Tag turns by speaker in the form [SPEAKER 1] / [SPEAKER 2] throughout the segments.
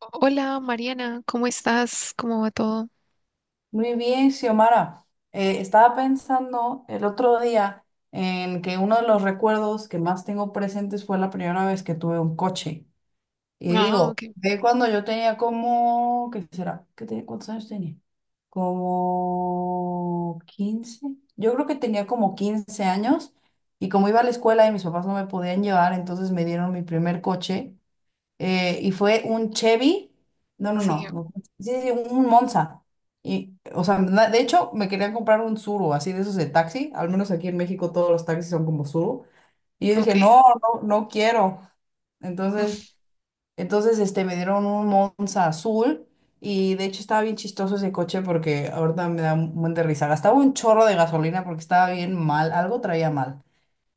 [SPEAKER 1] Hola Mariana, ¿cómo estás? ¿Cómo va todo?
[SPEAKER 2] Muy bien, Xiomara. Estaba pensando el otro día en que uno de los recuerdos que más tengo presentes fue la primera vez que tuve un coche. Y
[SPEAKER 1] Ah,
[SPEAKER 2] digo,
[SPEAKER 1] ok,
[SPEAKER 2] de cuando yo tenía como, ¿qué será? ¿Qué tenía? ¿Cuántos años tenía? Como 15. Yo creo que tenía como 15 años y como iba a la escuela y mis papás no me podían llevar, entonces me dieron mi primer coche, y fue un Chevy, no, no,
[SPEAKER 1] sí,
[SPEAKER 2] no, no, sí, sí, un Monza. Y, o sea, de hecho, me querían comprar un Tsuru, así de esos de taxi, al menos aquí en México todos los taxis son como Tsuru. Y yo dije,
[SPEAKER 1] ok,
[SPEAKER 2] no, no, no quiero. Entonces, entonces, me dieron un Monza azul y de hecho estaba bien chistoso ese coche porque ahorita me da un buen de risa. Gastaba un chorro de gasolina porque estaba bien mal, algo traía mal.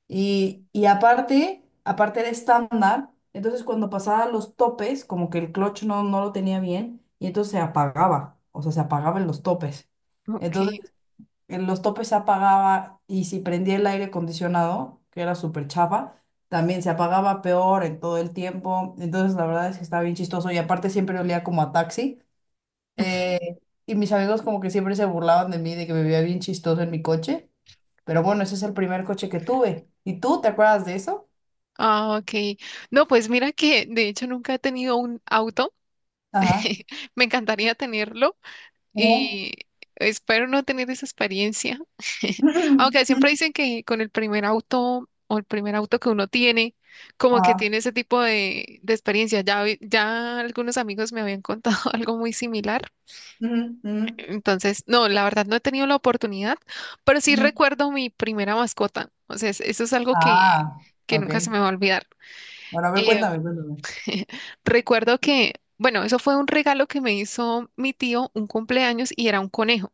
[SPEAKER 2] Y, aparte era estándar, entonces cuando pasaba los topes, como que el clutch no lo tenía bien, y entonces se apagaba, o sea, se apagaba en los topes.
[SPEAKER 1] ok.
[SPEAKER 2] Entonces, en los topes se apagaba, y si prendía el aire acondicionado, que era súper chafa, también se apagaba peor en todo el tiempo. Entonces, la verdad es que estaba bien chistoso, y aparte siempre olía como a taxi. Eh, y mis amigos como que siempre se burlaban de mí, de que me veía bien chistoso en mi coche. Pero bueno, ese es el primer coche que tuve. ¿Y tú te acuerdas de eso?
[SPEAKER 1] Ah, ok. No, pues mira que de hecho nunca he tenido un auto.
[SPEAKER 2] Ajá.
[SPEAKER 1] Me encantaría tenerlo
[SPEAKER 2] Ujú.
[SPEAKER 1] y espero no tener esa experiencia. Aunque siempre dicen que con el primer auto o el primer auto que uno tiene, como que
[SPEAKER 2] Ajá.
[SPEAKER 1] tiene ese tipo de experiencia. Ya, algunos amigos me habían contado algo muy similar.
[SPEAKER 2] Ujú, ujú,
[SPEAKER 1] Entonces, no, la verdad no he tenido la oportunidad, pero sí
[SPEAKER 2] ujú.
[SPEAKER 1] recuerdo mi primera mascota. O sea, eso es algo que,
[SPEAKER 2] Ah,
[SPEAKER 1] que
[SPEAKER 2] ok.
[SPEAKER 1] nunca se me va a olvidar.
[SPEAKER 2] Bueno, a ver,
[SPEAKER 1] Eh,
[SPEAKER 2] cuéntame, cuéntame.
[SPEAKER 1] recuerdo que, bueno, eso fue un regalo que me hizo mi tío un cumpleaños y era un conejo.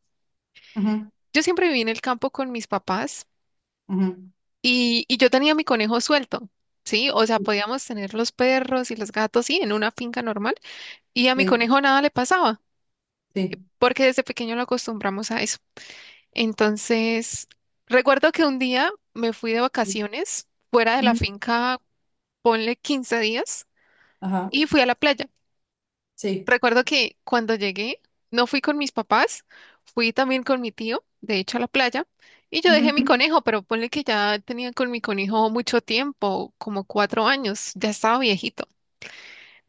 [SPEAKER 2] Ujú,
[SPEAKER 1] Yo siempre viví en el campo con mis papás
[SPEAKER 2] ujú.
[SPEAKER 1] y yo tenía mi conejo suelto, ¿sí? O sea, podíamos tener los perros y los gatos, sí, en una finca normal y a mi
[SPEAKER 2] Sí,
[SPEAKER 1] conejo nada le pasaba
[SPEAKER 2] sí,
[SPEAKER 1] porque desde pequeño lo acostumbramos a eso. Entonces, recuerdo que un día me fui de
[SPEAKER 2] sí.
[SPEAKER 1] vacaciones fuera de la
[SPEAKER 2] Ujú.
[SPEAKER 1] finca, ponle 15 días,
[SPEAKER 2] Ajá.
[SPEAKER 1] y fui a la playa.
[SPEAKER 2] Sí.
[SPEAKER 1] Recuerdo que cuando llegué, no fui con mis papás, fui también con mi tío, de hecho, a la playa, y yo dejé mi
[SPEAKER 2] Ujú.
[SPEAKER 1] conejo, pero ponle que ya tenía con mi conejo mucho tiempo, como 4 años, ya estaba viejito.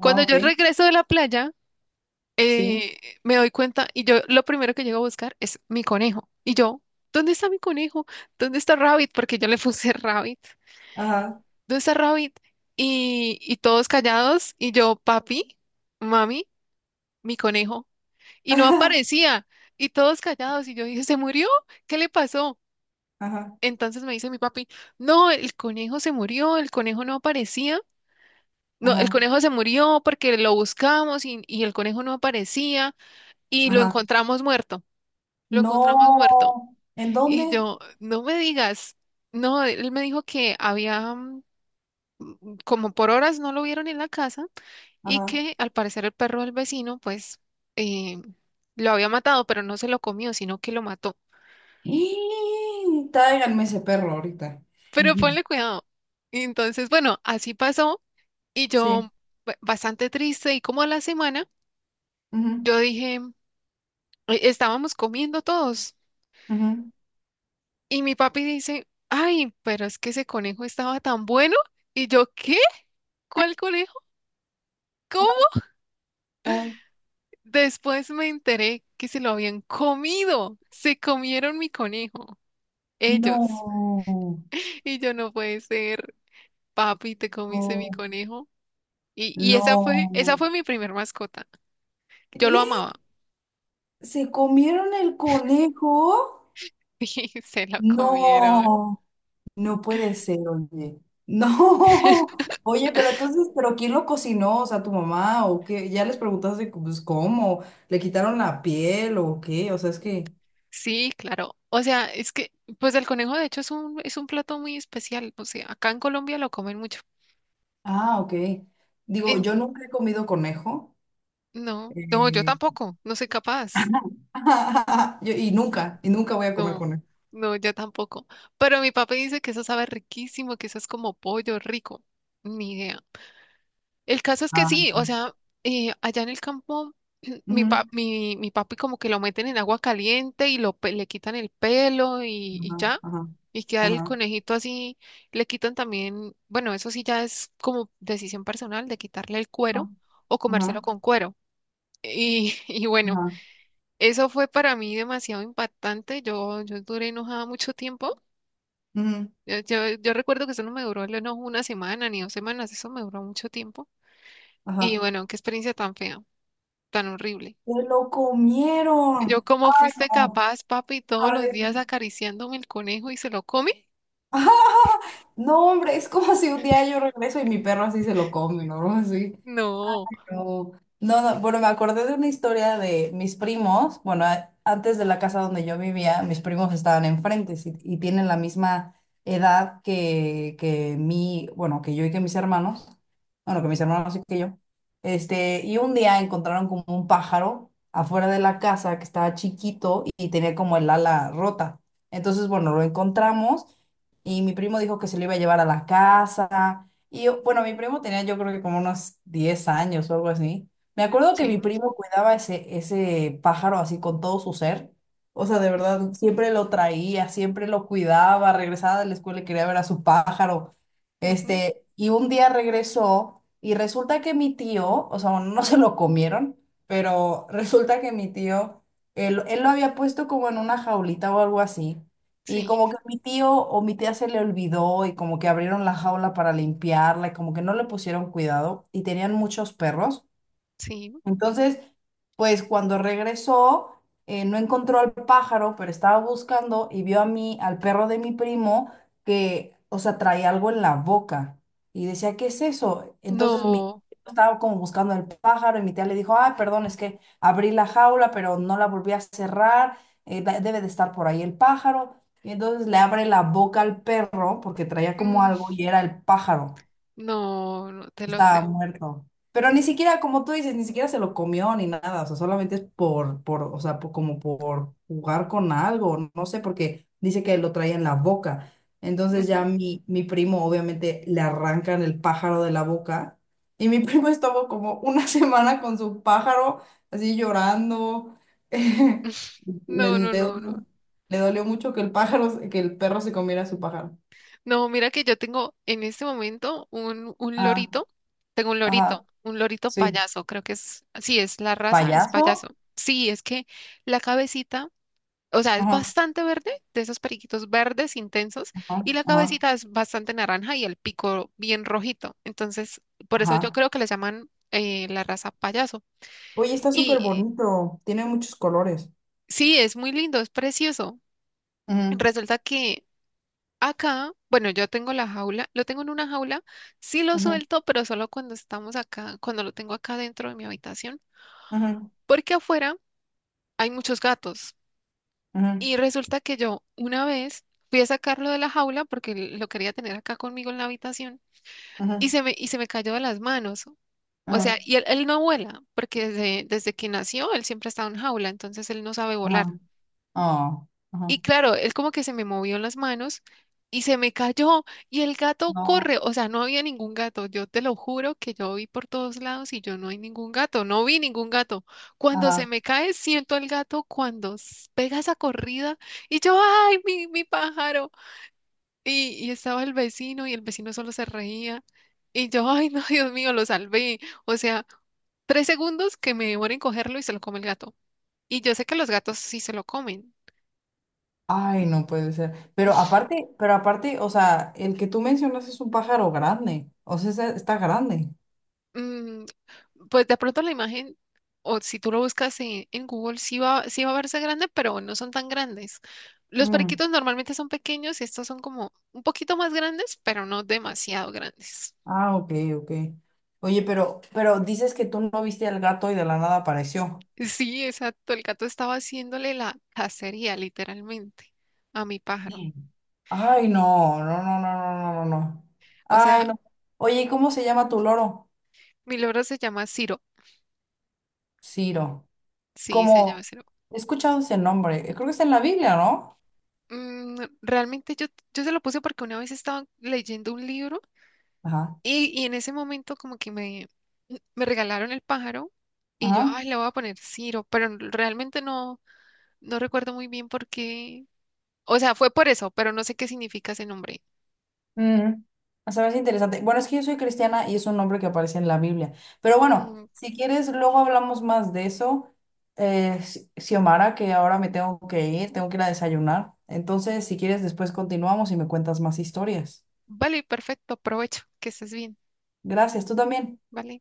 [SPEAKER 2] Ah,
[SPEAKER 1] Cuando
[SPEAKER 2] ok.
[SPEAKER 1] yo regreso de la playa,
[SPEAKER 2] Sí.
[SPEAKER 1] eh, me doy cuenta y yo lo primero que llego a buscar es mi conejo. Y yo, ¿dónde está mi conejo? ¿Dónde está Rabbit? Porque yo le puse Rabbit.
[SPEAKER 2] Ajá.
[SPEAKER 1] ¿Dónde está Rabbit? Y todos callados y yo, papi, mami, mi conejo. Y no aparecía. Y todos callados y yo dije, ¿se murió? ¿Qué le pasó?
[SPEAKER 2] Ajá. Ajá.
[SPEAKER 1] Entonces me dice mi papi, no, el conejo se murió, el conejo no aparecía. No, el
[SPEAKER 2] Ajá.
[SPEAKER 1] conejo se murió porque lo buscamos y el conejo no aparecía y lo
[SPEAKER 2] Ajá.
[SPEAKER 1] encontramos muerto. Lo encontramos muerto.
[SPEAKER 2] No. ¿En
[SPEAKER 1] Y
[SPEAKER 2] dónde?
[SPEAKER 1] yo, no me digas, no, él me dijo que había, como por horas no lo vieron en la casa y
[SPEAKER 2] Ajá.
[SPEAKER 1] que al parecer el perro del vecino, pues, eh, lo había matado, pero no se lo comió, sino que lo mató.
[SPEAKER 2] Y tráiganme ese perro ahorita.
[SPEAKER 1] Pero ponle cuidado. Y entonces, bueno, así pasó y
[SPEAKER 2] Sí.
[SPEAKER 1] yo, bastante triste y como a la semana,
[SPEAKER 2] Ujú,
[SPEAKER 1] yo dije, estábamos comiendo todos
[SPEAKER 2] ujú.
[SPEAKER 1] y mi papi dice, ay, pero es que ese conejo estaba tan bueno. Y yo, ¿qué? ¿Cuál conejo? Cómo
[SPEAKER 2] Ah, ah,
[SPEAKER 1] Después me enteré que se lo habían comido. Se comieron mi conejo, ellos.
[SPEAKER 2] no.
[SPEAKER 1] Y yo no puede ser, papi, te comiste mi
[SPEAKER 2] Oh,
[SPEAKER 1] conejo. Y esa fue,
[SPEAKER 2] no.
[SPEAKER 1] esa fue mi primer mascota. Yo lo
[SPEAKER 2] ¿Eh?
[SPEAKER 1] amaba
[SPEAKER 2] ¿Se comieron el conejo?
[SPEAKER 1] y se lo comieron.
[SPEAKER 2] No. No puede ser, oye. No. Oye, pero entonces, ¿pero quién lo cocinó? O sea, ¿tu mamá o qué? Ya les preguntaste, pues, ¿cómo? ¿Le quitaron la piel o qué? O sea, es que...
[SPEAKER 1] Sí, claro. O sea, es que, pues el conejo de hecho es un, plato muy especial. O sea, acá en Colombia lo comen mucho.
[SPEAKER 2] Ah, ok. Digo,
[SPEAKER 1] En-
[SPEAKER 2] yo nunca he comido conejo.
[SPEAKER 1] no, no, yo
[SPEAKER 2] Eh,
[SPEAKER 1] tampoco, no soy capaz.
[SPEAKER 2] y nunca voy a comer
[SPEAKER 1] No,
[SPEAKER 2] con él.
[SPEAKER 1] no, yo tampoco. Pero mi papá dice que eso sabe riquísimo, que eso es como pollo rico. Ni idea. El caso es que
[SPEAKER 2] Ah,
[SPEAKER 1] sí, o sea, allá en el campo, mi, pa-
[SPEAKER 2] ujú,
[SPEAKER 1] mi, mi papi como que lo meten en agua caliente y le quitan el pelo y
[SPEAKER 2] ajá,
[SPEAKER 1] ya.
[SPEAKER 2] ajá,
[SPEAKER 1] Y queda el
[SPEAKER 2] ajá,
[SPEAKER 1] conejito así, le quitan también, bueno, eso sí ya es como decisión personal de quitarle el cuero o
[SPEAKER 2] ajá,
[SPEAKER 1] comérselo con cuero. Y, y bueno,
[SPEAKER 2] ajá,
[SPEAKER 1] eso fue para mí demasiado impactante. Yo duré enojada mucho tiempo
[SPEAKER 2] ujú,
[SPEAKER 1] yo recuerdo que eso no me duró no una semana ni 2 semanas, eso me duró mucho tiempo. Y
[SPEAKER 2] ajá.
[SPEAKER 1] bueno, qué experiencia tan fea, tan horrible.
[SPEAKER 2] ¡Se lo
[SPEAKER 1] Yo,
[SPEAKER 2] comieron!
[SPEAKER 1] ¿cómo
[SPEAKER 2] ¡Ay,
[SPEAKER 1] fuiste
[SPEAKER 2] no!
[SPEAKER 1] capaz, papi, todos
[SPEAKER 2] ¡Ay,
[SPEAKER 1] los días
[SPEAKER 2] no!
[SPEAKER 1] acariciándome el conejo y se lo come?
[SPEAKER 2] No, hombre, es como si un día yo regreso y mi perro así se lo come, ¿no? Así.
[SPEAKER 1] No.
[SPEAKER 2] No, no, no, bueno, me acordé de una historia de mis primos. Bueno, antes de la casa donde yo vivía, mis primos estaban enfrente sí, y tienen la misma edad que, que yo y que mis hermanos, bueno, que mis hermanos y que yo. Y un día encontraron como un pájaro afuera de la casa que estaba chiquito y tenía como el ala rota. Entonces, bueno, lo encontramos y mi primo dijo que se lo iba a llevar a la casa. Y bueno, mi primo tenía yo creo que como unos 10 años o algo así. Me acuerdo que
[SPEAKER 1] Sí,
[SPEAKER 2] mi primo cuidaba ese pájaro así con todo su ser. O sea, de verdad, siempre lo traía, siempre lo cuidaba, regresaba de la escuela y quería ver a su pájaro.
[SPEAKER 1] ujú,
[SPEAKER 2] Y un día regresó y resulta que mi tío, o sea, bueno, no se lo comieron, pero resulta que mi tío, él lo había puesto como en una jaulita o algo así. Y
[SPEAKER 1] sí,
[SPEAKER 2] como que mi tío o mi tía se le olvidó y como que abrieron la jaula para limpiarla y como que no le pusieron cuidado y tenían muchos perros.
[SPEAKER 1] sí.
[SPEAKER 2] Entonces, pues cuando regresó, no encontró al pájaro, pero estaba buscando y vio a mí, al perro de mi primo, que, o sea, traía algo en la boca. Y decía, ¿qué es eso? Entonces mi
[SPEAKER 1] No,
[SPEAKER 2] estaba como buscando al pájaro y mi tía le dijo, ah, perdón, es que abrí la jaula, pero no la volví a cerrar, debe de estar por ahí el pájaro. Y entonces le abre la boca al perro porque traía como
[SPEAKER 1] mm,
[SPEAKER 2] algo y era el pájaro.
[SPEAKER 1] no, no te lo
[SPEAKER 2] Estaba
[SPEAKER 1] creo.
[SPEAKER 2] muerto. Pero ni siquiera, como tú dices, ni siquiera se lo comió ni nada. O sea, solamente es o sea, como por jugar con algo. No, no sé, porque dice que lo traía en la boca. Entonces ya
[SPEAKER 1] Ujú.
[SPEAKER 2] mi primo, obviamente, le arrancan el pájaro de la boca. Y mi primo estuvo como una semana con su pájaro, así llorando. Le,
[SPEAKER 1] No,
[SPEAKER 2] le
[SPEAKER 1] no,
[SPEAKER 2] dolió,
[SPEAKER 1] no, no.
[SPEAKER 2] le dolió mucho que el pájaro, que el perro se comiera su pájaro.
[SPEAKER 1] No, mira que yo tengo en este momento un
[SPEAKER 2] Ah,
[SPEAKER 1] lorito, tengo
[SPEAKER 2] ajá,
[SPEAKER 1] un lorito
[SPEAKER 2] sí.
[SPEAKER 1] payaso, creo que es, sí, es la raza, es payaso.
[SPEAKER 2] ¿Payaso?
[SPEAKER 1] Sí, es que la cabecita, o sea, es
[SPEAKER 2] Ajá.
[SPEAKER 1] bastante verde, de esos periquitos verdes intensos,
[SPEAKER 2] Ajá,
[SPEAKER 1] y la
[SPEAKER 2] ajá,
[SPEAKER 1] cabecita es bastante naranja y el pico bien rojito. Entonces, por eso yo
[SPEAKER 2] ajá.
[SPEAKER 1] creo que le llaman la raza payaso.
[SPEAKER 2] Oye, está súper
[SPEAKER 1] Y
[SPEAKER 2] bonito. Tiene muchos colores.
[SPEAKER 1] sí, es muy lindo, es precioso.
[SPEAKER 2] Ujú,
[SPEAKER 1] Resulta que Acá, bueno, yo tengo la jaula, lo tengo en una jaula, sí lo
[SPEAKER 2] ujú,
[SPEAKER 1] suelto, pero solo cuando estamos acá, cuando lo tengo acá dentro de mi habitación,
[SPEAKER 2] ujú,
[SPEAKER 1] porque afuera hay muchos gatos.
[SPEAKER 2] ujú,
[SPEAKER 1] Y resulta que yo una vez fui a sacarlo de la jaula porque lo quería tener acá conmigo en la habitación y
[SPEAKER 2] ujú,
[SPEAKER 1] se me cayó de las manos. O sea,
[SPEAKER 2] ujú,
[SPEAKER 1] y él no vuela, porque desde que nació él siempre ha estado en jaula, entonces él no sabe volar.
[SPEAKER 2] ajá. Oh,
[SPEAKER 1] Y
[SPEAKER 2] ajá.
[SPEAKER 1] claro, él como que se me movió en las manos y se me cayó y el gato
[SPEAKER 2] No,
[SPEAKER 1] corre, o sea, no había ningún gato, yo te lo juro que yo vi por todos lados y yo no hay ningún gato, no vi ningún gato. Cuando se
[SPEAKER 2] ajá.
[SPEAKER 1] me cae, siento al gato cuando pega esa corrida y yo, ay, mi pájaro. Y estaba el vecino y el vecino solo se reía y yo, ay, no, Dios mío, lo salvé. O sea, 3 segundos que me demora en cogerlo y se lo come el gato. Y yo sé que los gatos sí se lo comen.
[SPEAKER 2] Ay, no puede ser. Pero aparte, o sea, el que tú mencionas es un pájaro grande. O sea, está grande.
[SPEAKER 1] Mm, pues de pronto la imagen, o si tú lo buscas en, Google, sí va a verse grande, pero no son tan grandes. Los
[SPEAKER 2] Mm,
[SPEAKER 1] periquitos normalmente son pequeños y estos son como un poquito más grandes, pero no demasiado grandes.
[SPEAKER 2] ah, ok, ok. Oye, pero dices que tú no viste al gato y de la nada apareció.
[SPEAKER 1] Sí, exacto. El gato estaba haciéndole la cacería, literalmente, a mi pájaro.
[SPEAKER 2] Ay, no, no, no, no, no, no, no, no.
[SPEAKER 1] O sea,
[SPEAKER 2] Ay, no. Oye, ¿y cómo se llama tu loro?
[SPEAKER 1] mi loro se llama Ciro.
[SPEAKER 2] Ciro.
[SPEAKER 1] Sí, se llama
[SPEAKER 2] Como,
[SPEAKER 1] Ciro.
[SPEAKER 2] he escuchado ese nombre. Creo que está en la Biblia, ¿no?
[SPEAKER 1] Mm, realmente yo se lo puse porque una vez estaba leyendo un libro
[SPEAKER 2] Ajá.
[SPEAKER 1] y en ese momento como que me regalaron el pájaro y yo,
[SPEAKER 2] Ajá.
[SPEAKER 1] ay, le voy a poner Ciro, pero realmente no recuerdo muy bien por qué. O sea, fue por eso, pero no sé qué significa ese nombre.
[SPEAKER 2] Mm. O sea, es interesante. Bueno, es que yo soy cristiana y es un nombre que aparece en la Biblia. Pero bueno,
[SPEAKER 1] Mm,
[SPEAKER 2] si quieres, luego hablamos más de eso. Xiomara, que ahora me tengo que ir a desayunar. Entonces, si quieres, después continuamos y me cuentas más historias.
[SPEAKER 1] vale, perfecto, aprovecho, que estés bien.
[SPEAKER 2] Gracias, tú también.
[SPEAKER 1] Vale.